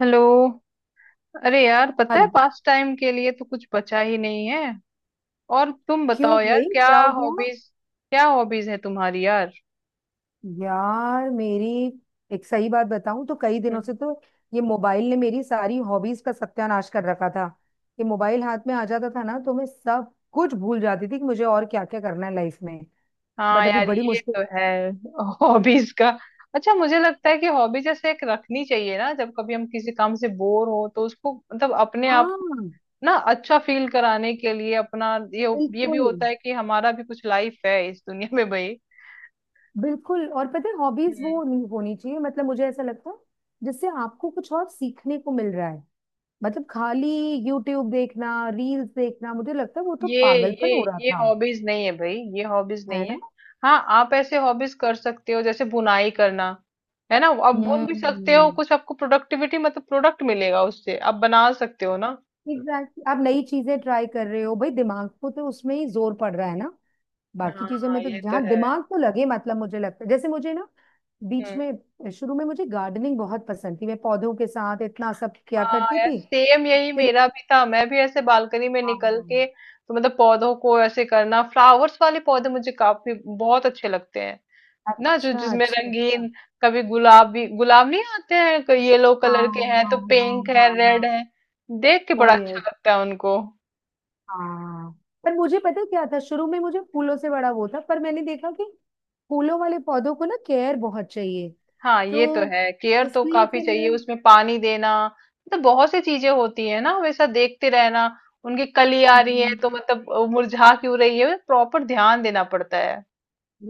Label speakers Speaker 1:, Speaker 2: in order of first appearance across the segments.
Speaker 1: Hello. अरे यार, पता है
Speaker 2: हेलो।
Speaker 1: पास टाइम के लिए तो कुछ बचा ही नहीं है। और तुम
Speaker 2: क्यों
Speaker 1: बताओ यार,
Speaker 2: भाई,
Speaker 1: क्या
Speaker 2: क्या हो गया?
Speaker 1: हॉबीज, क्या हॉबीज है तुम्हारी यार?
Speaker 2: यार, मेरी एक सही बात बताऊं तो कई दिनों
Speaker 1: हम्म।
Speaker 2: से तो ये मोबाइल ने मेरी सारी हॉबीज का सत्यानाश कर रखा था। ये मोबाइल हाथ में आ जाता था ना, तो मैं सब कुछ भूल जाती थी कि मुझे और क्या क्या करना है लाइफ में।
Speaker 1: हाँ
Speaker 2: बट अभी
Speaker 1: यार
Speaker 2: बड़ी
Speaker 1: ये
Speaker 2: मुश्किल।
Speaker 1: तो है हॉबीज का। अच्छा, मुझे लगता है कि हॉबी जैसे एक रखनी चाहिए ना, जब कभी हम किसी काम से बोर हो तो उसको मतलब अपने आप को
Speaker 2: हाँ,
Speaker 1: ना अच्छा फील कराने के लिए अपना ये भी
Speaker 2: बिल्कुल
Speaker 1: होता है कि हमारा भी कुछ लाइफ है इस दुनिया में भाई।
Speaker 2: बिल्कुल। और पता है, हॉबीज
Speaker 1: हम्म।
Speaker 2: वो नहीं होनी चाहिए, मतलब मुझे ऐसा लगता है, जिससे आपको कुछ और सीखने को मिल रहा है। मतलब, खाली यूट्यूब देखना, रील्स देखना, मुझे लगता है वो तो
Speaker 1: ये
Speaker 2: पागलपन
Speaker 1: ये
Speaker 2: हो रहा था।
Speaker 1: हॉबीज नहीं है भाई, ये हॉबीज
Speaker 2: है
Speaker 1: नहीं है।
Speaker 2: ना।
Speaker 1: हाँ, आप ऐसे हॉबीज कर सकते हो जैसे बुनाई करना। है ना, आप बुन भी सकते हो
Speaker 2: हम्म।
Speaker 1: कुछ, आपको प्रोडक्टिविटी मतलब प्रोडक्ट मिलेगा उससे, आप बना सकते हो ना।
Speaker 2: एग्जैक्टली, आप नई चीजें ट्राई कर रहे हो भाई, दिमाग को तो उसमें ही जोर पड़ रहा है ना। बाकी चीजों
Speaker 1: हाँ
Speaker 2: में तो
Speaker 1: ये तो
Speaker 2: जहाँ
Speaker 1: है।
Speaker 2: दिमाग तो लगे, मतलब मुझे लगता है, जैसे मुझे ना बीच
Speaker 1: हम्म।
Speaker 2: में, शुरू में मुझे गार्डनिंग बहुत पसंद थी। मैं पौधों के साथ इतना सब किया
Speaker 1: हाँ
Speaker 2: करती
Speaker 1: यार
Speaker 2: थी।
Speaker 1: सेम यही
Speaker 2: फिर,
Speaker 1: मेरा भी था, मैं भी ऐसे बालकनी में निकल
Speaker 2: हाँ।
Speaker 1: के तो मतलब पौधों को ऐसे करना, फ्लावर्स वाले पौधे मुझे काफी बहुत अच्छे लगते हैं ना, जो
Speaker 2: अच्छा
Speaker 1: जिसमें
Speaker 2: अच्छा
Speaker 1: रंगीन,
Speaker 2: अच्छा।
Speaker 1: कभी गुलाबी गुलाब नहीं आते हैं, कोई येलो कलर के
Speaker 2: हाँ
Speaker 1: हैं, तो
Speaker 2: हाँ हाँ
Speaker 1: पिंक है,
Speaker 2: हाँ।
Speaker 1: रेड है, देख के बड़ा अच्छा
Speaker 2: हाँ
Speaker 1: लगता है उनको।
Speaker 2: हाँ। पर मुझे पता है क्या था, शुरू में मुझे फूलों से बड़ा वो था, पर मैंने देखा कि फूलों वाले पौधों को ना केयर बहुत चाहिए।
Speaker 1: हाँ ये तो
Speaker 2: तो
Speaker 1: है, केयर तो
Speaker 2: इसलिए
Speaker 1: काफी
Speaker 2: फिर
Speaker 1: चाहिए
Speaker 2: मैं।
Speaker 1: उसमें, पानी देना मतलब बहुत सी चीजें होती है ना, हमेशा देखते रहना उनकी कली आ रही है,
Speaker 2: हम्म,
Speaker 1: तो मतलब वो मुरझा क्यों रही है, प्रॉपर ध्यान देना पड़ता है।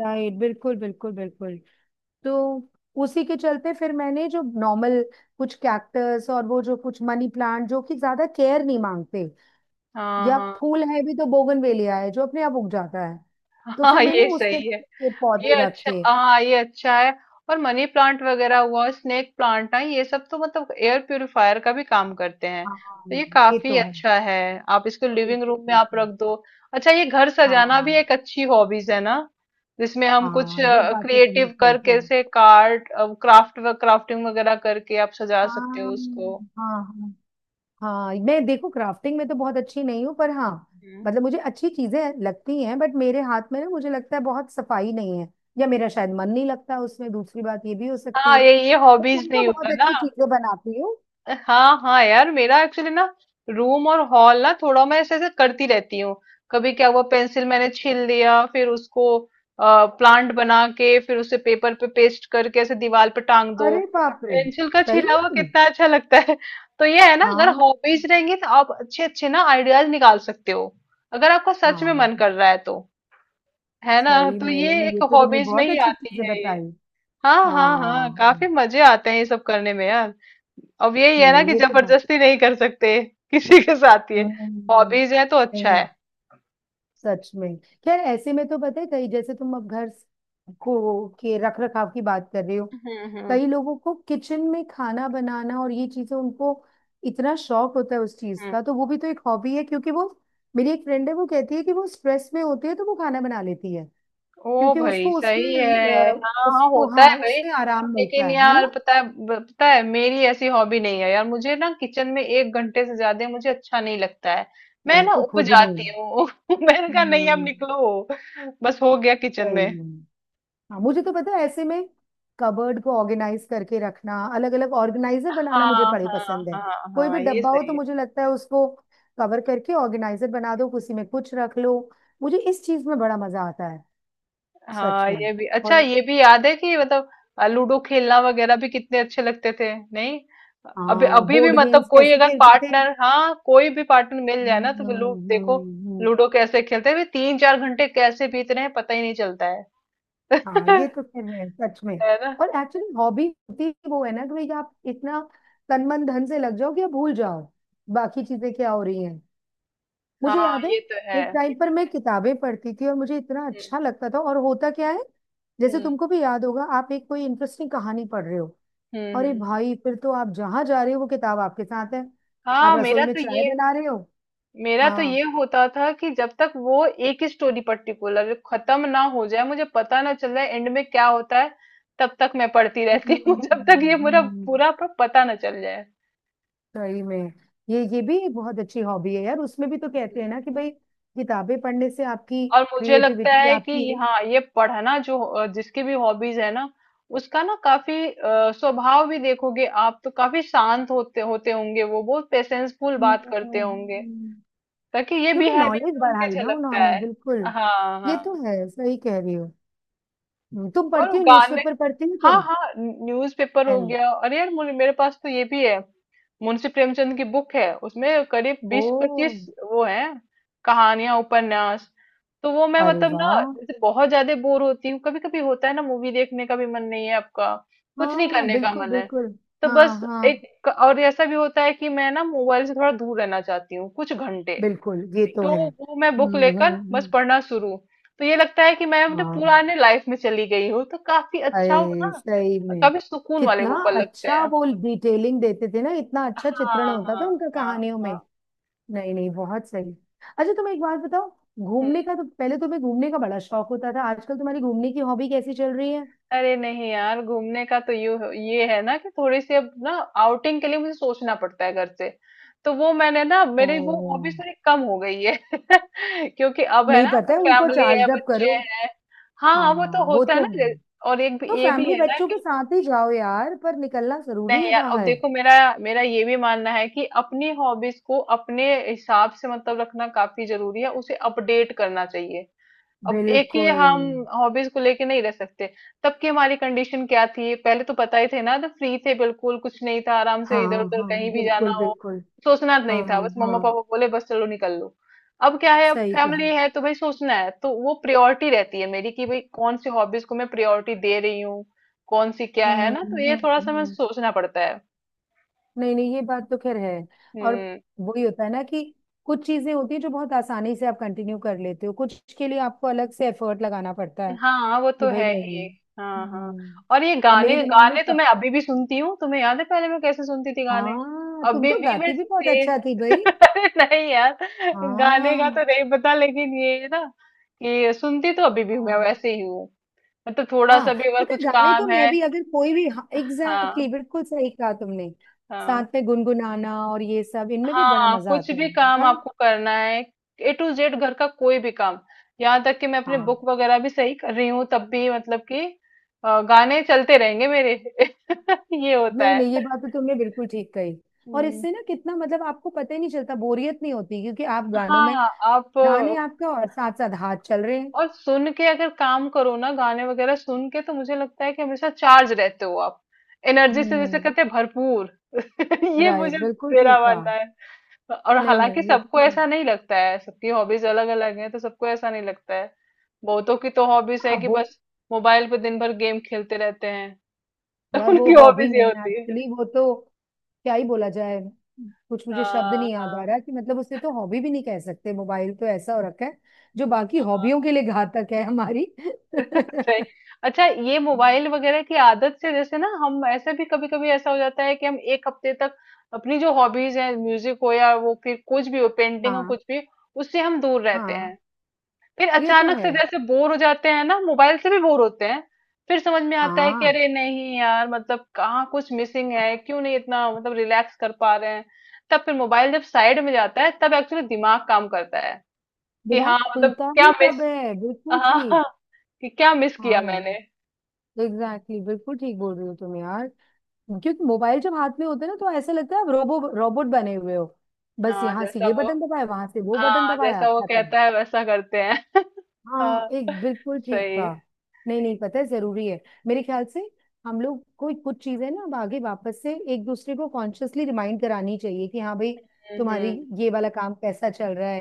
Speaker 2: राइट, बिल्कुल बिल्कुल बिल्कुल। तो उसी के चलते फिर मैंने जो नॉर्मल, कुछ कैक्टस और वो जो कुछ मनी प्लांट जो कि ज्यादा केयर नहीं मांगते,
Speaker 1: हाँ
Speaker 2: या
Speaker 1: हाँ
Speaker 2: फूल है भी तो बोगनवेलिया है जो अपने आप उग जाता है, तो
Speaker 1: हाँ,
Speaker 2: फिर मैंने
Speaker 1: ये
Speaker 2: उस
Speaker 1: सही है।
Speaker 2: तरीके के
Speaker 1: ये
Speaker 2: पौधे
Speaker 1: अच्छा,
Speaker 2: रखे।
Speaker 1: हाँ ये अच्छा है। और मनी प्लांट वगैरह हुआ, स्नेक प्लांट है, ये सब तो मतलब एयर प्यूरिफायर का भी काम करते हैं,
Speaker 2: हाँ,
Speaker 1: तो ये
Speaker 2: ये
Speaker 1: काफी
Speaker 2: तो है।
Speaker 1: अच्छा है। आप इसको लिविंग
Speaker 2: बिल्कुल
Speaker 1: रूम में आप
Speaker 2: बिल्कुल।
Speaker 1: रख दो। अच्छा, ये घर सजाना
Speaker 2: हाँ
Speaker 1: भी एक अच्छी हॉबीज है ना, जिसमें हम कुछ
Speaker 2: हाँ, ये बात तो तुमने
Speaker 1: क्रिएटिव
Speaker 2: सही
Speaker 1: करके
Speaker 2: कही।
Speaker 1: कैसे कार्ड, क्राफ्ट, क्राफ्टिंग वगैरह करके आप सजा
Speaker 2: हाँ
Speaker 1: सकते हो उसको।
Speaker 2: हाँ हाँ। हाँ, मैं देखो क्राफ्टिंग में तो बहुत अच्छी नहीं हूँ, पर हाँ,
Speaker 1: हम्म।
Speaker 2: मतलब मुझे अच्छी चीजें लगती हैं, बट मेरे हाथ में ना, मुझे लगता है बहुत सफाई नहीं है, या मेरा शायद मन नहीं लगता उसमें। दूसरी बात ये भी हो सकती
Speaker 1: हाँ
Speaker 2: है।
Speaker 1: ये
Speaker 2: तो
Speaker 1: हॉबीज
Speaker 2: तुम तो
Speaker 1: नहीं
Speaker 2: बहुत
Speaker 1: होगा ना।
Speaker 2: अच्छी चीजें बनाती हो।
Speaker 1: हाँ हाँ यार मेरा एक्चुअली ना, रूम और हॉल ना, थोड़ा मैं ऐसे ऐसे करती रहती हूँ। कभी क्या हुआ, पेंसिल मैंने छील लिया, फिर उसको प्लांट बना के, फिर उसे पेपर पे पेस्ट करके ऐसे दीवार पे टांग दो।
Speaker 2: अरे बाप रे!
Speaker 1: पेंसिल का छीला
Speaker 2: सही
Speaker 1: हुआ
Speaker 2: में।
Speaker 1: कितना अच्छा लगता है। तो ये है ना, अगर
Speaker 2: हाँ
Speaker 1: हॉबीज रहेंगी तो आप अच्छे अच्छे ना आइडियाज निकाल सकते हो, अगर आपका सच में
Speaker 2: हाँ।
Speaker 1: मन कर रहा है तो। है ना,
Speaker 2: सही
Speaker 1: तो
Speaker 2: में,
Speaker 1: ये
Speaker 2: नहीं,
Speaker 1: एक
Speaker 2: ये तो तुमने
Speaker 1: हॉबीज में
Speaker 2: बहुत
Speaker 1: ही
Speaker 2: अच्छी
Speaker 1: आती
Speaker 2: चीजें
Speaker 1: है।
Speaker 2: बताई।
Speaker 1: हाँ हाँ हाँ,
Speaker 2: हाँ।
Speaker 1: काफी मजे आते हैं ये सब करने में यार। अब यही है ना
Speaker 2: नहीं,
Speaker 1: कि
Speaker 2: ये तो बहुत
Speaker 1: जबरदस्ती नहीं कर सकते किसी के साथ ये।
Speaker 2: हम्म,
Speaker 1: हॉबीज है तो अच्छा
Speaker 2: नहीं,
Speaker 1: है।
Speaker 2: सच में। खैर, ऐसे में तो पता है, कई, जैसे तुम अब घर को के रख रखाव की बात कर रहे हो,
Speaker 1: हम्म हम्म
Speaker 2: कई लोगों को किचन में खाना बनाना और ये चीजें, उनको इतना शौक होता है उस चीज
Speaker 1: हम्म।
Speaker 2: का, तो वो भी तो एक हॉबी है। क्योंकि वो, मेरी एक फ्रेंड है, वो कहती है कि वो स्ट्रेस में होती है तो वो खाना बना लेती है।
Speaker 1: ओ
Speaker 2: क्योंकि
Speaker 1: भाई
Speaker 2: उसको उसमें,
Speaker 1: सही है,
Speaker 2: अ,
Speaker 1: हाँ हाँ
Speaker 2: उसको,
Speaker 1: होता
Speaker 2: हाँ,
Speaker 1: है भाई।
Speaker 2: उसमें आराम मिलता
Speaker 1: लेकिन
Speaker 2: है
Speaker 1: यार
Speaker 2: ना।
Speaker 1: पता है, पता है मेरी ऐसी हॉबी नहीं है यार, मुझे ना किचन में 1 घंटे से ज्यादा मुझे अच्छा नहीं लगता है। मैं
Speaker 2: मैं
Speaker 1: ना
Speaker 2: तो
Speaker 1: उब
Speaker 2: खुद नहीं।
Speaker 1: जाती हूँ मैंने कहा नहीं अब
Speaker 2: हम्म।
Speaker 1: निकलो, बस हो गया किचन में।
Speaker 2: सही में। हाँ, मुझे तो पता है, ऐसे में कबर्ड को ऑर्गेनाइज करके रखना, अलग अलग ऑर्गेनाइजर बनाना मुझे
Speaker 1: हाँ
Speaker 2: बड़े
Speaker 1: हाँ
Speaker 2: पसंद है।
Speaker 1: हाँ
Speaker 2: कोई भी
Speaker 1: हाँ, ये
Speaker 2: डब्बा हो
Speaker 1: सही
Speaker 2: तो
Speaker 1: है।
Speaker 2: मुझे लगता है उसको कवर करके ऑर्गेनाइजर बना दो, उसी में कुछ रख लो। मुझे इस चीज में बड़ा मजा आता है। सच
Speaker 1: हाँ
Speaker 2: में।
Speaker 1: ये भी अच्छा,
Speaker 2: और
Speaker 1: ये भी याद है कि मतलब लूडो खेलना वगैरह भी कितने अच्छे लगते थे नहीं। अभी
Speaker 2: हाँ,
Speaker 1: अभी भी
Speaker 2: बोर्ड
Speaker 1: मतलब
Speaker 2: गेम्स,
Speaker 1: कोई
Speaker 2: कैसे
Speaker 1: अगर
Speaker 2: खेलते थे।
Speaker 1: पार्टनर, हाँ कोई भी पार्टनर मिल जाए
Speaker 2: हम्म
Speaker 1: ना तो लू
Speaker 2: हम्म,
Speaker 1: देखो,
Speaker 2: हम्म।
Speaker 1: लूडो कैसे खेलते हैं भाई, 3-4 घंटे कैसे बीत रहे हैं पता ही नहीं चलता
Speaker 2: हाँ,
Speaker 1: है।
Speaker 2: ये तो फिर है, सच में।
Speaker 1: है ना।
Speaker 2: और एक्चुअली हॉबी होती ही वो है ना, कि भाई आप इतना तन मन धन से लग जाओ कि आप भूल जाओ बाकी चीजें क्या हो रही हैं। मुझे
Speaker 1: हाँ
Speaker 2: याद है,
Speaker 1: ये तो है।
Speaker 2: एक टाइम पर मैं किताबें पढ़ती थी और मुझे इतना
Speaker 1: हम्म
Speaker 2: अच्छा लगता था। और होता क्या है, जैसे
Speaker 1: हम्म
Speaker 2: तुमको भी याद होगा, आप एक कोई इंटरेस्टिंग कहानी पढ़ रहे हो,
Speaker 1: हम्म
Speaker 2: अरे
Speaker 1: हम्म।
Speaker 2: भाई, फिर तो आप जहां जा रहे हो वो किताब आपके साथ है, आप
Speaker 1: हाँ
Speaker 2: रसोई में चाय बना रहे हो।
Speaker 1: मेरा तो ये
Speaker 2: हाँ।
Speaker 1: होता था कि जब तक वो एक ही स्टोरी पर्टिकुलर खत्म ना हो जाए, मुझे पता ना चल जाए एंड में क्या होता है, तब तक मैं पढ़ती रहती हूँ जब तक ये मेरा
Speaker 2: हम्म,
Speaker 1: पूरा पता ना चल जाए।
Speaker 2: सही में। ये भी एक बहुत अच्छी हॉबी है यार। उसमें भी तो कहते हैं ना कि भाई, किताबें पढ़ने से आपकी
Speaker 1: और मुझे लगता
Speaker 2: क्रिएटिविटी
Speaker 1: है कि
Speaker 2: आपकी,
Speaker 1: हाँ ये पढ़ना, जो जिसकी भी हॉबीज है ना, उसका ना काफी स्वभाव भी देखोगे आप, तो काफी शांत होते होते होंगे, वो बहुत पेशेंसफुल बात करते
Speaker 2: हम्म,
Speaker 1: होंगे, ताकि ये
Speaker 2: क्योंकि
Speaker 1: बिहेवियर
Speaker 2: नॉलेज
Speaker 1: में उनके
Speaker 2: बढ़ाई ना
Speaker 1: झलकता
Speaker 2: उन्होंने,
Speaker 1: है।
Speaker 2: बिल्कुल।
Speaker 1: हाँ
Speaker 2: ये तो
Speaker 1: हाँ।
Speaker 2: है, सही कह रही हो। तुम
Speaker 1: और
Speaker 2: पढ़ती हो?
Speaker 1: गाने,
Speaker 2: न्यूज़पेपर पढ़ती हो
Speaker 1: हाँ
Speaker 2: तुम?
Speaker 1: हाँ न्यूज़पेपर हो
Speaker 2: एन
Speaker 1: गया, अरे यार मुझे मेरे पास तो ये भी है, मुंशी प्रेमचंद की बुक है, उसमें करीब
Speaker 2: ओ।
Speaker 1: 20-25 वो है, कहानियां, उपन्यास। तो वो मैं
Speaker 2: अरे
Speaker 1: मतलब ना,
Speaker 2: वाह!
Speaker 1: जैसे बहुत ज्यादा बोर होती हूँ कभी कभी, होता है ना मूवी देखने का भी मन नहीं है आपका, कुछ नहीं
Speaker 2: हाँ,
Speaker 1: करने का
Speaker 2: बिल्कुल
Speaker 1: मन है,
Speaker 2: बिल्कुल।
Speaker 1: तो
Speaker 2: हाँ
Speaker 1: बस
Speaker 2: हाँ,
Speaker 1: एक और ऐसा भी होता है कि मैं ना मोबाइल से थोड़ा दूर रहना चाहती हूँ कुछ घंटे,
Speaker 2: बिल्कुल, ये तो
Speaker 1: तो
Speaker 2: है।
Speaker 1: वो मैं बुक लेकर बस पढ़ना शुरू। तो ये लगता है कि मैं अपने
Speaker 2: हाँ हाँ।
Speaker 1: पुराने लाइफ में चली गई हूँ, तो काफी अच्छा हो ना,
Speaker 2: अरे सही में,
Speaker 1: काफी सुकून वाले
Speaker 2: कितना
Speaker 1: वो पल लगते
Speaker 2: अच्छा
Speaker 1: हैं।
Speaker 2: वो डिटेलिंग देते थे ना, इतना अच्छा चित्रण
Speaker 1: हाँ
Speaker 2: होता था
Speaker 1: हाँ
Speaker 2: उनका
Speaker 1: हाँ
Speaker 2: कहानियों में।
Speaker 1: हाँ।
Speaker 2: नहीं नहीं, बहुत सही। अच्छा, तुम एक बात बताओ,
Speaker 1: हम्म।
Speaker 2: घूमने का तो, पहले तुम्हें घूमने का बड़ा शौक होता था, आजकल तुम्हारी घूमने की हॉबी कैसी चल रही है?
Speaker 1: अरे नहीं यार, घूमने का तो यू ये है ना कि थोड़ी सी अब ना आउटिंग के लिए मुझे सोचना पड़ता है घर से, तो वो मैंने ना, मेरी वो
Speaker 2: ओ।
Speaker 1: हॉबीज थोड़ी कम हो गई है क्योंकि अब है
Speaker 2: नहीं,
Speaker 1: ना,
Speaker 2: पता है, उनको
Speaker 1: फैमिली है,
Speaker 2: चार्ज अप
Speaker 1: बच्चे
Speaker 2: करो।
Speaker 1: हैं। हाँ वो तो
Speaker 2: हाँ, वो
Speaker 1: होता है
Speaker 2: तो
Speaker 1: ना,
Speaker 2: है।
Speaker 1: और एक भी
Speaker 2: तो
Speaker 1: ये भी
Speaker 2: फैमिली,
Speaker 1: है ना।
Speaker 2: बच्चों के साथ ही जाओ यार, पर निकलना जरूरी
Speaker 1: नहीं
Speaker 2: है
Speaker 1: यार अब
Speaker 2: बाहर।
Speaker 1: देखो मेरा मेरा ये भी मानना है कि अपनी हॉबीज को अपने हिसाब से मतलब रखना काफी जरूरी है, उसे अपडेट करना चाहिए, अब एक ही
Speaker 2: बिल्कुल।
Speaker 1: हम हॉबीज को लेके नहीं रह सकते। तब की हमारी कंडीशन क्या थी, पहले तो पता ही थे ना, तो फ्री थे बिल्कुल, कुछ नहीं था, आराम से इधर
Speaker 2: हाँ
Speaker 1: उधर
Speaker 2: हाँ,
Speaker 1: कहीं भी जाना
Speaker 2: बिल्कुल
Speaker 1: हो
Speaker 2: बिल्कुल।
Speaker 1: सोचना नहीं
Speaker 2: हाँ
Speaker 1: था, बस मम्मा
Speaker 2: हाँ,
Speaker 1: पापा बोले बस चलो निकल लो। अब क्या है, अब
Speaker 2: सही कहा।
Speaker 1: फैमिली है, तो भाई सोचना है, तो वो प्रायोरिटी रहती है मेरी कि भाई कौन सी हॉबीज को मैं प्रायोरिटी दे रही हूँ, कौन सी क्या है
Speaker 2: हम्म
Speaker 1: ना, तो ये
Speaker 2: हम्म
Speaker 1: थोड़ा सा मैं
Speaker 2: हम्म।
Speaker 1: सोचना पड़ता है।
Speaker 2: नहीं नहीं, ये बात तो खैर है। और
Speaker 1: हम्म।
Speaker 2: वही होता है ना, कि कुछ चीजें होती है जो बहुत आसानी से आप कंटिन्यू कर लेते हो, कुछ के लिए आपको अलग से एफर्ट लगाना पड़ता है
Speaker 1: हाँ वो
Speaker 2: कि
Speaker 1: तो
Speaker 2: भाई
Speaker 1: है
Speaker 2: नहीं।
Speaker 1: ही। हाँ हाँ।
Speaker 2: हम्म।
Speaker 1: और ये
Speaker 2: अब
Speaker 1: गाने,
Speaker 2: मेरे दिमाग में
Speaker 1: गाने तो
Speaker 2: कब,
Speaker 1: मैं अभी भी सुनती हूँ, तुम्हें याद है पहले मैं कैसे सुनती थी गाने,
Speaker 2: हाँ, तुम
Speaker 1: अभी
Speaker 2: तो
Speaker 1: भी मैं
Speaker 2: गाती भी बहुत
Speaker 1: से
Speaker 2: अच्छा थी भाई।
Speaker 1: अरे नहीं यार, गाने का
Speaker 2: हाँ
Speaker 1: तो नहीं पता, लेकिन ये है ना कि सुनती तो अभी भी मैं
Speaker 2: हाँ
Speaker 1: वैसे ही हूँ, मतलब थोड़ा
Speaker 2: हाँ,
Speaker 1: सा भी अगर
Speaker 2: पता है,
Speaker 1: कुछ
Speaker 2: गाने तो
Speaker 1: काम
Speaker 2: मैं
Speaker 1: है।
Speaker 2: भी, अगर कोई भी, एग्जैक्टली exactly,
Speaker 1: हाँ
Speaker 2: बिल्कुल सही कहा तुमने। साथ
Speaker 1: हाँ।
Speaker 2: में गुनगुनाना और ये सब, इनमें भी बड़ा
Speaker 1: हाँ
Speaker 2: मजा
Speaker 1: कुछ
Speaker 2: आता है।
Speaker 1: भी काम
Speaker 2: हाँ
Speaker 1: आपको करना है, ए टू जेड घर का कोई भी काम, यहाँ तक कि मैं अपने बुक
Speaker 2: हाँ।
Speaker 1: वगैरह भी सही कर रही हूँ तब भी, मतलब कि गाने चलते रहेंगे मेरे ये होता
Speaker 2: नहीं
Speaker 1: है।
Speaker 2: नहीं, ये बात तो तुमने बिल्कुल ठीक कही। और
Speaker 1: हम्म।
Speaker 2: इससे ना कितना, मतलब आपको पता ही नहीं चलता, बोरियत नहीं होती, क्योंकि आप गानों में
Speaker 1: हाँ
Speaker 2: ध्यान है आपका, और साथ साथ हाथ चल रहे हैं।
Speaker 1: और सुन के अगर काम करो ना, गाने वगैरह सुन के, तो मुझे लगता है कि हमेशा चार्ज रहते हो आप, एनर्जी से जैसे
Speaker 2: हम्म।
Speaker 1: कहते हैं भरपूर। ये मुझे,
Speaker 2: राइट, बिल्कुल
Speaker 1: मेरा
Speaker 2: ठीक कहा।
Speaker 1: मानना है। और
Speaker 2: नहीं
Speaker 1: हालांकि
Speaker 2: नहीं, ये,
Speaker 1: सबको ऐसा नहीं लगता है, सबकी हॉबीज अलग अलग हैं, तो सबको ऐसा नहीं लगता है, बहुतों की तो हॉबीज है
Speaker 2: अब
Speaker 1: कि
Speaker 2: वो,
Speaker 1: बस मोबाइल पे दिन भर गेम खेलते रहते हैं। तो
Speaker 2: यार वो
Speaker 1: उनकी
Speaker 2: हॉबी
Speaker 1: हॉबीज ये
Speaker 2: नहीं है
Speaker 1: होती है।
Speaker 2: एक्चुअली। वो तो क्या ही बोला जाए, कुछ मुझे शब्द
Speaker 1: हाँ
Speaker 2: नहीं याद
Speaker 1: हाँ।
Speaker 2: आ रहा कि, मतलब, उसे तो हॉबी भी नहीं कह सकते। मोबाइल तो ऐसा हो रखा है जो बाकी हॉबियों के लिए घातक है हमारी।
Speaker 1: सही। अच्छा ये मोबाइल वगैरह की आदत से जैसे ना हम ऐसे भी कभी कभी ऐसा हो जाता है कि हम 1 हफ्ते तक अपनी जो हॉबीज हैं, म्यूजिक हो, या वो फिर कुछ भी हो, पेंटिंग हो,
Speaker 2: हाँ
Speaker 1: कुछ भी उससे हम दूर रहते
Speaker 2: हाँ,
Speaker 1: हैं, फिर
Speaker 2: ये तो
Speaker 1: अचानक
Speaker 2: है।
Speaker 1: से जैसे बोर हो जाते हैं ना मोबाइल से भी बोर होते हैं। फिर समझ में आता है कि
Speaker 2: हाँ,
Speaker 1: अरे नहीं यार, मतलब कहाँ कुछ मिसिंग है, क्यों नहीं इतना मतलब रिलैक्स कर पा रहे हैं। तब फिर मोबाइल जब साइड में जाता है तब एक्चुअली दिमाग काम करता है कि
Speaker 2: दिमाग
Speaker 1: हाँ मतलब
Speaker 2: खुलता
Speaker 1: क्या
Speaker 2: ही
Speaker 1: मिस।
Speaker 2: तब है, बिल्कुल
Speaker 1: हाँ,
Speaker 2: ठीक।
Speaker 1: कि क्या मिस किया
Speaker 2: हाँ यार,
Speaker 1: मैंने।
Speaker 2: एग्जैक्टली exactly, बिल्कुल ठीक बोल रही हो तुम यार। क्योंकि मोबाइल जब हाथ में होता है ना, तो ऐसा लगता है आप रोबोट बने हुए हो। बस
Speaker 1: हाँ
Speaker 2: यहाँ से
Speaker 1: जैसा
Speaker 2: ये
Speaker 1: वो
Speaker 2: बटन दबाया, वहां से वो बटन
Speaker 1: हाँ
Speaker 2: दबाया,
Speaker 1: जैसा वो
Speaker 2: खत्म।
Speaker 1: कहता है वैसा करते हैं। हाँ,
Speaker 2: हाँ, एक बिल्कुल ठीक
Speaker 1: सही।
Speaker 2: कहा। नहीं नहीं, पता है, जरूरी है। मेरे ख्याल से हम लोग कोई कुछ चीजें ना, अब आगे वापस से एक दूसरे को कॉन्शियसली रिमाइंड करानी चाहिए, कि हाँ भाई,
Speaker 1: हम्म
Speaker 2: तुम्हारी
Speaker 1: हम्म।
Speaker 2: ये वाला काम कैसा चल रहा है,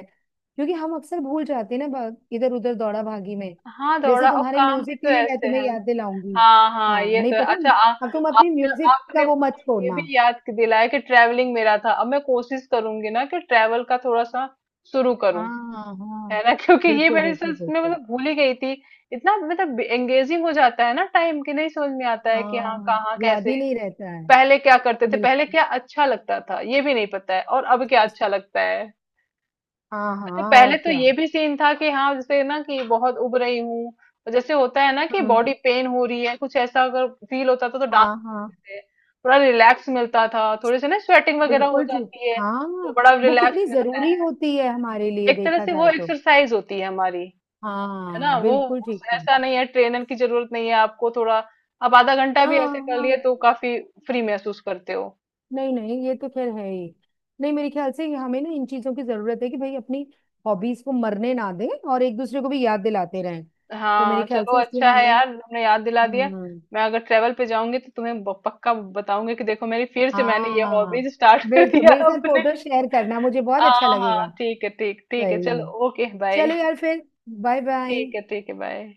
Speaker 2: क्योंकि हम अक्सर भूल जाते हैं ना इधर उधर दौड़ा भागी में।
Speaker 1: हाँ
Speaker 2: जैसे
Speaker 1: दौड़ा, और
Speaker 2: तुम्हारे
Speaker 1: काम भी
Speaker 2: म्यूजिक
Speaker 1: तो
Speaker 2: के लिए मैं
Speaker 1: ऐसे
Speaker 2: तुम्हें
Speaker 1: है।
Speaker 2: याद दिलाऊंगी।
Speaker 1: हाँ हाँ
Speaker 2: हाँ,
Speaker 1: ये
Speaker 2: नहीं,
Speaker 1: तो है।
Speaker 2: पता है,
Speaker 1: अच्छा,
Speaker 2: अब तुम अपनी
Speaker 1: आपने
Speaker 2: म्यूजिक का
Speaker 1: आपने
Speaker 2: वो मत
Speaker 1: मुझे ये
Speaker 2: छोड़ना।
Speaker 1: भी याद दिलाया कि ट्रैवलिंग मेरा था, अब मैं कोशिश करूंगी ना कि ट्रैवल का थोड़ा सा शुरू करूं।
Speaker 2: हाँ हाँ,
Speaker 1: है ना क्योंकि ये
Speaker 2: बिल्कुल
Speaker 1: मेरे से
Speaker 2: बिल्कुल
Speaker 1: मैं
Speaker 2: बिल्कुल।
Speaker 1: मतलब भूल ही गई थी, इतना मतलब एंगेजिंग हो जाता है ना टाइम कि नहीं समझ में आता है कि हाँ
Speaker 2: हाँ,
Speaker 1: कहाँ
Speaker 2: याद
Speaker 1: कैसे,
Speaker 2: ही नहीं रहता है।
Speaker 1: पहले क्या करते थे, पहले
Speaker 2: बिल्कुल।
Speaker 1: क्या अच्छा लगता था, ये भी नहीं पता है, और अब क्या अच्छा लगता है।
Speaker 2: हाँ
Speaker 1: तो
Speaker 2: हाँ, और
Speaker 1: पहले तो
Speaker 2: क्या।
Speaker 1: ये भी सीन था कि हाँ जैसे ना कि बहुत उब रही हूँ, और जैसे होता है ना कि
Speaker 2: हम्म।
Speaker 1: बॉडी पेन हो रही है कुछ ऐसा अगर फील होता था, तो डांस
Speaker 2: हाँ हाँ,
Speaker 1: करते थे, थोड़ा रिलैक्स मिलता था, थोड़ी सी ना स्वेटिंग वगैरह हो
Speaker 2: बिल्कुल ठीक है।
Speaker 1: जाती है तो
Speaker 2: हाँ,
Speaker 1: बड़ा
Speaker 2: वो
Speaker 1: रिलैक्स
Speaker 2: कितनी
Speaker 1: मिलता
Speaker 2: जरूरी
Speaker 1: है।
Speaker 2: होती है हमारे लिए,
Speaker 1: एक तरह
Speaker 2: देखा
Speaker 1: से वो
Speaker 2: जाए तो।
Speaker 1: एक्सरसाइज होती है हमारी, है ना
Speaker 2: हाँ,
Speaker 1: वो,
Speaker 2: बिल्कुल
Speaker 1: उस
Speaker 2: ठीक है।
Speaker 1: ऐसा नहीं है ट्रेनर की जरूरत नहीं है आपको, थोड़ा आप आधा घंटा भी
Speaker 2: हाँ
Speaker 1: ऐसे कर लिए
Speaker 2: हाँ।
Speaker 1: तो काफी फ्री महसूस करते हो।
Speaker 2: नहीं नहीं, ये तो खैर है ही। नहीं, मेरे ख्याल से हमें ना इन चीजों की जरूरत है, कि भाई अपनी हॉबीज को मरने ना दें, और एक दूसरे को भी याद दिलाते रहें। तो मेरे
Speaker 1: हाँ
Speaker 2: ख्याल
Speaker 1: चलो
Speaker 2: से इसलिए
Speaker 1: अच्छा है
Speaker 2: हमें।
Speaker 1: यार, तुमने याद दिला दिया।
Speaker 2: हम्म।
Speaker 1: मैं अगर ट्रेवल पे जाऊंगी तो तुम्हें पक्का बताऊंगी कि देखो मेरी फिर से मैंने ये
Speaker 2: हाँ,
Speaker 1: हॉबीज स्टार्ट कर
Speaker 2: बिल्कुल,
Speaker 1: दिया
Speaker 2: मेरे साथ
Speaker 1: अपने।
Speaker 2: फोटो शेयर करना, मुझे बहुत अच्छा
Speaker 1: हाँ हाँ
Speaker 2: लगेगा।
Speaker 1: ठीक है, ठीक ठीक है,
Speaker 2: सही
Speaker 1: चलो
Speaker 2: में।
Speaker 1: Okay, bye.
Speaker 2: चलो यार फिर, बाय बाय।
Speaker 1: ठीक है ठीक है, बाय।